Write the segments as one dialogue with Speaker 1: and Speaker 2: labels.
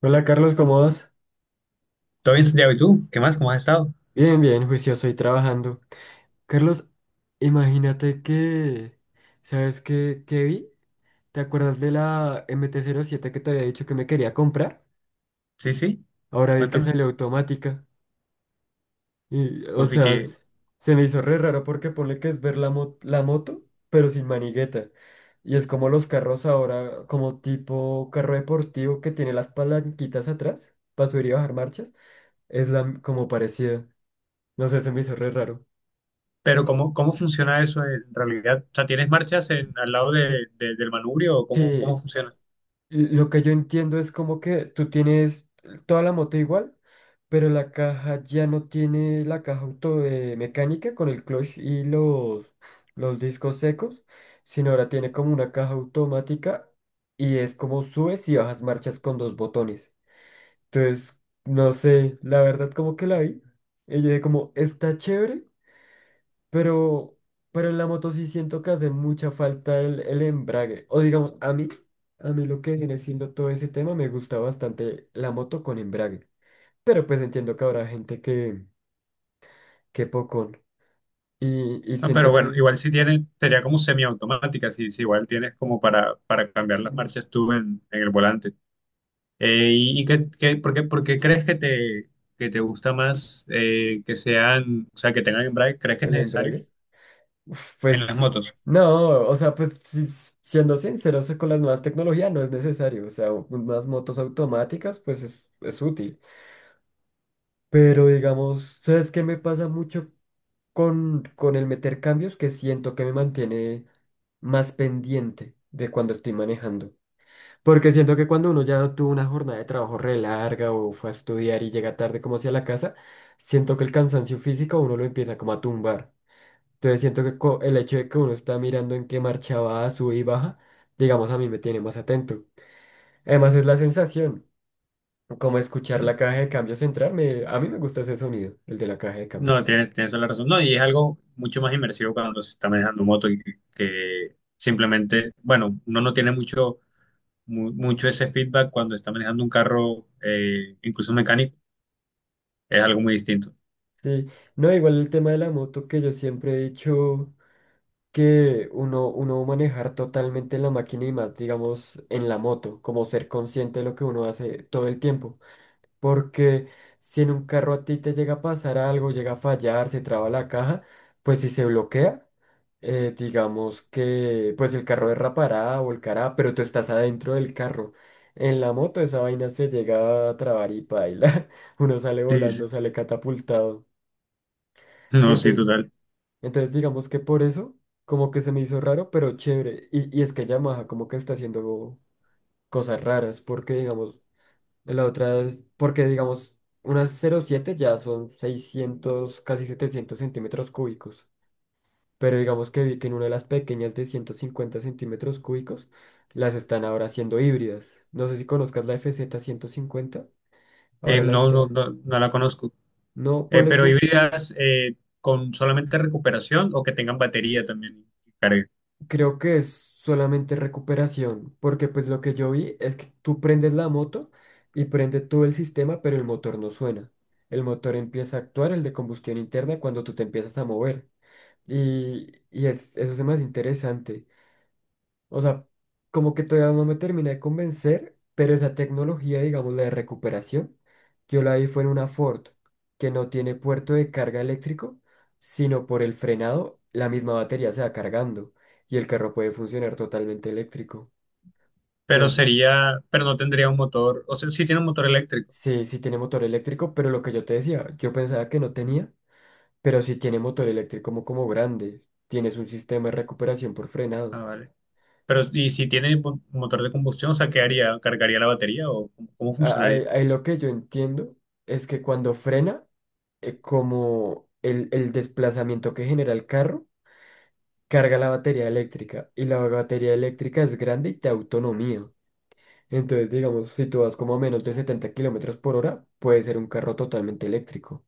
Speaker 1: Hola Carlos, ¿cómo vas?
Speaker 2: Todo bien, Santiago, ¿y tú? ¿Qué más? ¿Cómo has estado?
Speaker 1: Bien, bien, juicioso y trabajando. Carlos, imagínate que, ¿sabes qué vi? ¿Te acuerdas de la MT-07 que te había dicho que me quería comprar?
Speaker 2: Sí, sí,
Speaker 1: Ahora vi que
Speaker 2: cuéntame.
Speaker 1: salió automática. Y, o
Speaker 2: Uf, y
Speaker 1: sea,
Speaker 2: que,
Speaker 1: se me hizo re raro porque ponle que es ver la moto, pero sin manigueta. Y es como los carros ahora, como tipo carro deportivo que tiene las palanquitas atrás para subir y bajar marchas. Es como parecida. No sé, se me hizo re raro.
Speaker 2: pero ¿cómo, cómo funciona eso en realidad? O sea, ¿tienes marchas al lado del manubrio o cómo,
Speaker 1: Sí.
Speaker 2: cómo funciona?
Speaker 1: Lo que yo entiendo es como que tú tienes toda la moto igual, pero la caja ya no tiene la caja auto de mecánica con el clutch y los discos secos, sino ahora tiene como una caja automática y es como subes y bajas marchas con dos botones. Entonces, no sé, la verdad como que la vi. Y yo dije como, está chévere, pero, pero en la moto sí siento que hace mucha falta el embrague. O digamos, a mí lo que viene siendo todo ese tema, me gusta bastante la moto con embrague. Pero pues entiendo que habrá gente que pocón. Y
Speaker 2: Ah, pero
Speaker 1: siento
Speaker 2: bueno,
Speaker 1: que
Speaker 2: igual si tienes, sería como semiautomática, si igual tienes como para cambiar las marchas tú en el volante. ¿Y qué, por qué, por qué crees que te gusta más que sean, o sea, que tengan embrague? ¿Crees que es
Speaker 1: el
Speaker 2: necesario
Speaker 1: embrague, uf,
Speaker 2: en las
Speaker 1: pues
Speaker 2: motos?
Speaker 1: no, o sea, pues si siendo sinceros con las nuevas tecnologías no es necesario. O sea, unas motos automáticas, pues es útil. Pero digamos, ¿sabes qué me pasa mucho? Con el meter cambios que siento que me mantiene más pendiente de cuando estoy manejando. Porque siento que cuando uno ya tuvo una jornada de trabajo re larga o fue a estudiar y llega tarde como hacia la casa, siento que el cansancio físico a uno lo empieza como a tumbar. Entonces siento que el hecho de que uno está mirando en qué marcha va, sube y baja, digamos a mí me tiene más atento. Además es la sensación, como escuchar la caja de cambios entrar, a mí me gusta ese sonido, el de la caja de
Speaker 2: No,
Speaker 1: cambios.
Speaker 2: tienes, tienes toda la razón. No, y es algo mucho más inmersivo cuando se está manejando moto y que simplemente, bueno, uno no tiene mucho, mucho ese feedback cuando está manejando un carro, incluso mecánico, es algo muy distinto.
Speaker 1: Sí, no, igual el tema de la moto que yo siempre he dicho que uno, uno manejar totalmente la máquina y más, digamos, en la moto, como ser consciente de lo que uno hace todo el tiempo. Porque si en un carro a ti te llega a pasar algo, llega a fallar, se traba la caja, pues si se bloquea, digamos que pues el carro derrapará, volcará, pero tú estás adentro del carro. En la moto esa vaina se llega a trabar y paila. Uno sale
Speaker 2: Sí, sí.
Speaker 1: volando, sale catapultado.
Speaker 2: No, sí,
Speaker 1: ¿Sientes?
Speaker 2: total.
Speaker 1: Entonces, digamos que por eso, como que se me hizo raro, pero chévere. Y es que Yamaha como que está haciendo cosas raras, porque digamos, la otra es, porque digamos, unas 0,7 ya son 600 casi 700 centímetros cúbicos. Pero digamos que vi que en una de las pequeñas de 150 centímetros cúbicos, las están ahora haciendo híbridas. No sé si conozcas la FZ 50 ahora la
Speaker 2: No, no,
Speaker 1: está.
Speaker 2: no, no la conozco.
Speaker 1: No, ponle
Speaker 2: Pero
Speaker 1: que es.
Speaker 2: híbridas con solamente recuperación o que tengan batería también que cargue.
Speaker 1: Creo que es solamente recuperación, porque pues lo que yo vi es que tú prendes la moto y prende todo el sistema, pero el motor no suena. El motor empieza a actuar, el de combustión interna, cuando tú te empiezas a mover. Y, eso es más interesante. O sea, como que todavía no me termina de convencer, pero esa tecnología, digamos, la de recuperación, yo la vi fue en una Ford que no tiene puerto de carga eléctrico, sino por el frenado, la misma batería se va cargando y el carro puede funcionar totalmente eléctrico.
Speaker 2: Pero
Speaker 1: Entonces,
Speaker 2: sería, pero no tendría un motor, o sea, sí tiene un motor eléctrico.
Speaker 1: sí, sí tiene motor eléctrico, pero lo que yo te decía, yo pensaba que no tenía, pero sí tiene motor eléctrico como, como grande. Tienes un sistema de recuperación por
Speaker 2: Ah,
Speaker 1: frenado.
Speaker 2: vale. Pero, ¿y si tiene motor de combustión, o sea, qué haría? ¿Cargaría la batería o cómo, cómo funcionaría?
Speaker 1: Ahí, ahí lo que yo entiendo es que cuando frena, como el desplazamiento que genera el carro, carga la batería eléctrica y la batería eléctrica es grande y te da autonomía. Entonces, digamos, si tú vas como a menos de 70 kilómetros por hora, puede ser un carro totalmente eléctrico.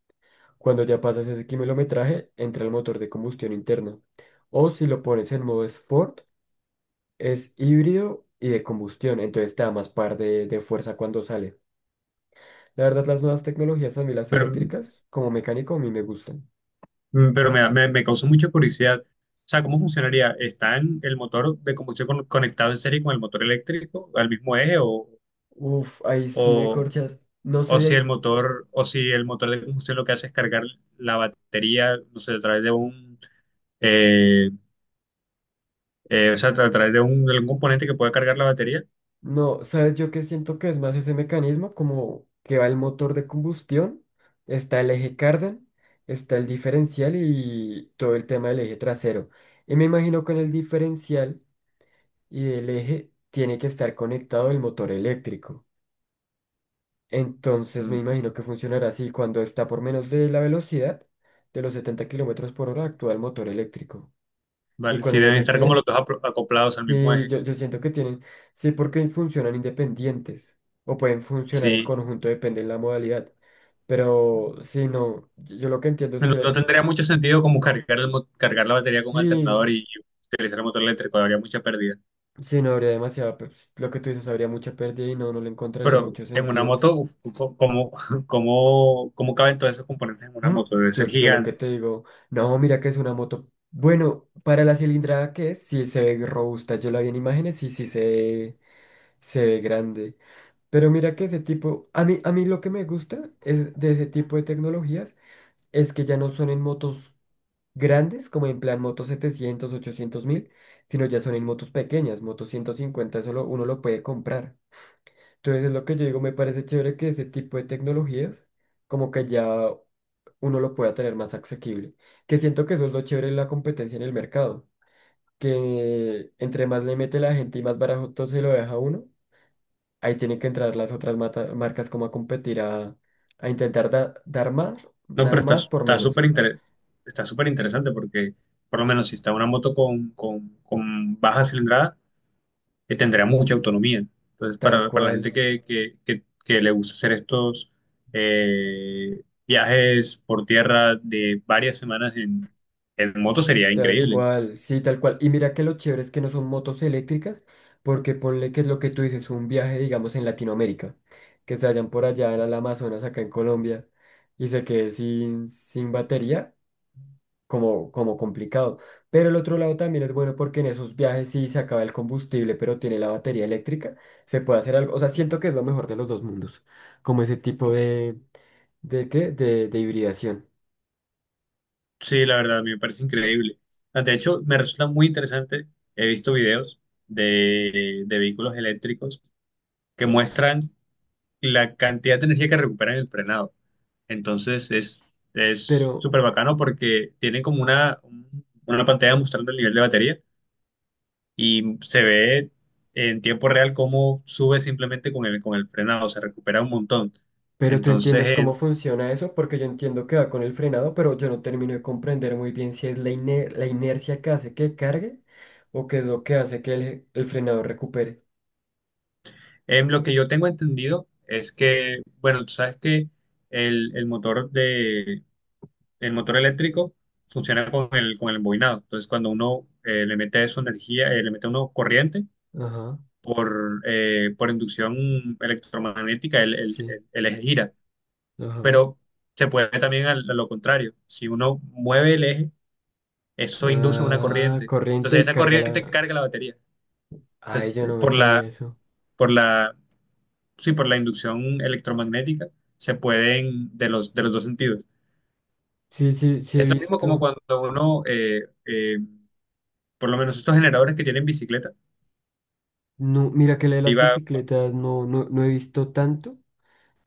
Speaker 1: Cuando ya pasas ese kilometraje, entra el motor de combustión interna. O si lo pones en modo sport, es híbrido y de combustión, entonces te da más par de fuerza cuando sale. La verdad, las nuevas tecnologías, a mí las
Speaker 2: Pero,
Speaker 1: eléctricas, como mecánico, a mí me gustan.
Speaker 2: pero me, me, me causó mucha curiosidad. O sea, ¿cómo funcionaría? ¿Está en el motor de combustión conectado en serie con el motor eléctrico al mismo eje
Speaker 1: Uf, ahí sí me
Speaker 2: o,
Speaker 1: corchas. No sé
Speaker 2: o si el
Speaker 1: de…
Speaker 2: motor o si el motor de combustión lo que hace es cargar la batería, no sé, a través de un eh, o sea, a través de un, de algún componente que pueda cargar la batería?
Speaker 1: No, ¿sabes yo qué siento que es más ese mecanismo? Como que va el motor de combustión, está el eje cardan, está el diferencial y todo el tema del eje trasero. Y me imagino que en el diferencial y el eje tiene que estar conectado el motor eléctrico. Entonces me
Speaker 2: Mm,
Speaker 1: imagino que funcionará así cuando está por menos de la velocidad de los 70 kilómetros por hora actúa el motor eléctrico. Y
Speaker 2: vale, si
Speaker 1: cuando ya
Speaker 2: deben
Speaker 1: se
Speaker 2: estar como
Speaker 1: excede,
Speaker 2: los dos acoplados al mismo
Speaker 1: sí,
Speaker 2: eje.
Speaker 1: yo siento que tienen, sí, porque funcionan independientes o pueden funcionar en
Speaker 2: Sí,
Speaker 1: conjunto, depende de la modalidad. Pero sí, no, yo lo que entiendo es
Speaker 2: no, no
Speaker 1: que
Speaker 2: tendría mucho sentido como cargar, el cargar la batería con un
Speaker 1: sí,
Speaker 2: alternador y
Speaker 1: sí,
Speaker 2: utilizar el motor eléctrico, habría mucha pérdida.
Speaker 1: no habría demasiada, lo que tú dices, habría mucha pérdida y no, no le encontraría
Speaker 2: Pero
Speaker 1: mucho
Speaker 2: en una
Speaker 1: sentido.
Speaker 2: moto, uf, ¿cómo, cómo, cómo caben todos esos componentes en una
Speaker 1: Mm.
Speaker 2: moto? Debe ser
Speaker 1: Yo lo que
Speaker 2: gigante.
Speaker 1: te digo, no, mira que es una moto. Bueno, para la cilindrada que es, sí se ve robusta. Yo la vi en imágenes y sí se ve grande. Pero mira que ese tipo, a mí lo que me gusta es de ese tipo de tecnologías es que ya no son en motos grandes, como en plan motos 700, 800 mil, sino ya son en motos pequeñas, motos 150, uno lo puede comprar. Entonces es lo que yo digo, me parece chévere que ese tipo de tecnologías, como que ya uno lo pueda tener más asequible. Que siento que eso es lo chévere de la competencia en el mercado, que entre más le mete la gente y más barato se lo deja a uno. Ahí tienen que entrar las otras marcas como a competir, a intentar
Speaker 2: No, pero
Speaker 1: dar
Speaker 2: está
Speaker 1: más por
Speaker 2: está
Speaker 1: menos.
Speaker 2: está súper interesante porque, por lo menos, si está una moto con baja cilindrada, que tendrá mucha autonomía. Entonces,
Speaker 1: Tal
Speaker 2: para la
Speaker 1: cual,
Speaker 2: gente que, que le gusta hacer estos viajes por tierra de varias semanas en moto sería
Speaker 1: tal
Speaker 2: increíble.
Speaker 1: cual, sí, tal cual. Y mira que lo chévere es que no son motos eléctricas, porque ponle que es lo que tú dices, un viaje, digamos, en Latinoamérica, que se vayan por allá al el Amazonas, acá en Colombia, y se quede sin, sin batería. Como, como complicado. Pero el otro lado también es bueno porque en esos viajes si se acaba el combustible, pero tiene la batería eléctrica, se puede hacer algo. O sea, siento que es lo mejor de los dos mundos, como ese tipo ¿de qué? De hibridación.
Speaker 2: Sí, la verdad, a mí me parece increíble. Ah, de hecho, me resulta muy interesante. He visto videos de vehículos eléctricos que muestran la cantidad de energía que recuperan en el frenado. Entonces es
Speaker 1: Pero,
Speaker 2: súper bacano porque tienen como una pantalla mostrando el nivel de batería y se ve en tiempo real cómo sube simplemente con el frenado, se recupera un montón.
Speaker 1: pero tú
Speaker 2: Entonces,
Speaker 1: entiendes cómo funciona eso, porque yo entiendo que va con el frenado, pero yo no termino de comprender muy bien si es la inercia que hace que cargue o qué es lo que hace que el frenado recupere.
Speaker 2: en lo que yo tengo entendido es que, bueno, tú sabes que el motor de, el motor eléctrico funciona con el embobinado. Entonces, cuando uno le mete su energía, le mete uno corriente
Speaker 1: Ajá,
Speaker 2: por inducción electromagnética, el,
Speaker 1: sí,
Speaker 2: el eje gira.
Speaker 1: ajá.
Speaker 2: Pero se puede también a lo contrario. Si uno mueve el eje, eso induce una
Speaker 1: Ah,
Speaker 2: corriente.
Speaker 1: corriente
Speaker 2: Entonces
Speaker 1: y
Speaker 2: esa
Speaker 1: carga
Speaker 2: corriente
Speaker 1: la…
Speaker 2: carga la batería.
Speaker 1: Ay,
Speaker 2: Entonces,
Speaker 1: yo no me sabía eso.
Speaker 2: por la, sí, por la inducción electromagnética se pueden de los dos sentidos.
Speaker 1: Sí, sí, sí he
Speaker 2: Es lo mismo como
Speaker 1: visto.
Speaker 2: cuando uno, por lo menos estos generadores que tienen bicicleta,
Speaker 1: No, mira que la de las
Speaker 2: iba,
Speaker 1: bicicletas no, no, no he visto tanto,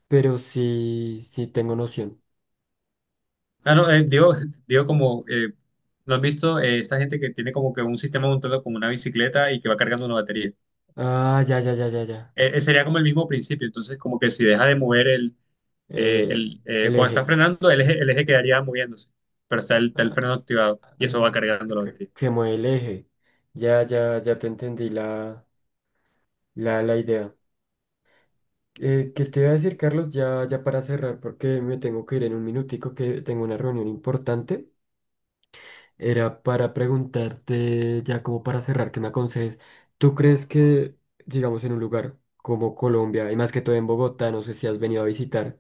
Speaker 1: pero sí, sí tengo noción.
Speaker 2: ah, no, digo, digo como, ¿no has visto esta gente que tiene como que un sistema montado como una bicicleta y que va cargando una batería?
Speaker 1: Ah, ya, ya, ya, ya, ya.
Speaker 2: Sería como el mismo principio, entonces como que si deja de mover el,
Speaker 1: Eh, el
Speaker 2: cuando está
Speaker 1: eje.
Speaker 2: frenando,
Speaker 1: Sí.
Speaker 2: el eje quedaría moviéndose, pero está el
Speaker 1: Ah,
Speaker 2: freno activado y
Speaker 1: ah,
Speaker 2: eso va cargando la
Speaker 1: ok.
Speaker 2: batería.
Speaker 1: Se mueve el eje. Ya, ya, ya te entendí la, la idea. ¿Qué te voy a decir, Carlos? Ya, ya para cerrar, porque me tengo que ir en un minutico que tengo una reunión importante. Era para preguntarte, ya como para cerrar, que me aconsejes. ¿Tú crees que, digamos, en un lugar como Colombia, y más que todo en Bogotá, no sé si has venido a visitar,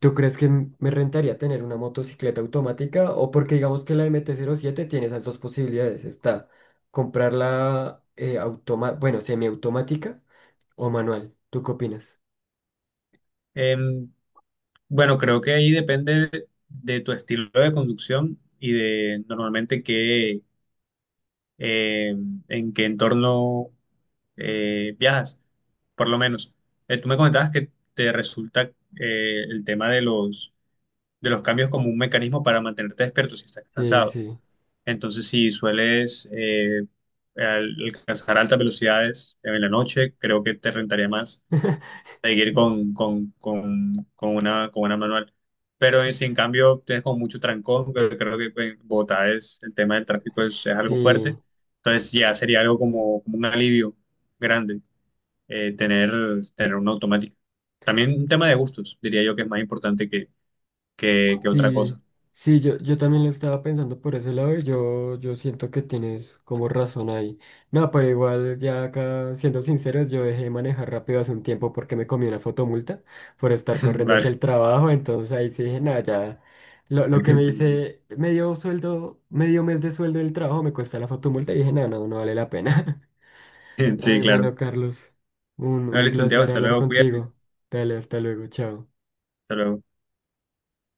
Speaker 1: ¿tú crees que me rentaría tener una motocicleta automática? O porque digamos que la MT-07 tiene esas dos posibilidades. Está comprarla bueno, semiautomática o manual. ¿Tú qué opinas?
Speaker 2: Em, bueno, creo que ahí depende de tu estilo de conducción y de normalmente qué, en qué entorno viajas, por lo menos. Tú me comentabas que te resulta el tema de los cambios como un mecanismo para mantenerte despierto si estás
Speaker 1: Sí,
Speaker 2: cansado.
Speaker 1: sí.
Speaker 2: Entonces, si sueles alcanzar altas velocidades en la noche, creo que te rentaría más seguir con una manual. Pero si en cambio tienes como mucho trancón, que creo que pues, en Bogotá es, el tema del tráfico es algo
Speaker 1: Sí.
Speaker 2: fuerte, entonces ya sería algo como, como un alivio grande tener, tener una automática. También un tema de gustos, diría yo que es más importante que otra cosa.
Speaker 1: Sí, sí, yo también lo estaba pensando por ese lado y yo siento que tienes como razón ahí. No, pero igual ya acá, siendo sinceros, yo dejé de manejar rápido hace un tiempo porque me comí una fotomulta por estar corriendo hacia el
Speaker 2: Vale.
Speaker 1: trabajo, entonces ahí sí dije, nada, ya, lo que me
Speaker 2: Sí,
Speaker 1: dice medio sueldo, medio mes de sueldo del trabajo me cuesta la fotomulta y dije, nada, no, no vale la pena.
Speaker 2: sí,
Speaker 1: Ay,
Speaker 2: sí,
Speaker 1: ujú.
Speaker 2: claro.
Speaker 1: Bueno, Carlos, un
Speaker 2: Vale, Santiago,
Speaker 1: placer
Speaker 2: hasta
Speaker 1: hablar
Speaker 2: luego, cuídate,
Speaker 1: contigo. Dale, hasta luego, chao.
Speaker 2: hasta luego.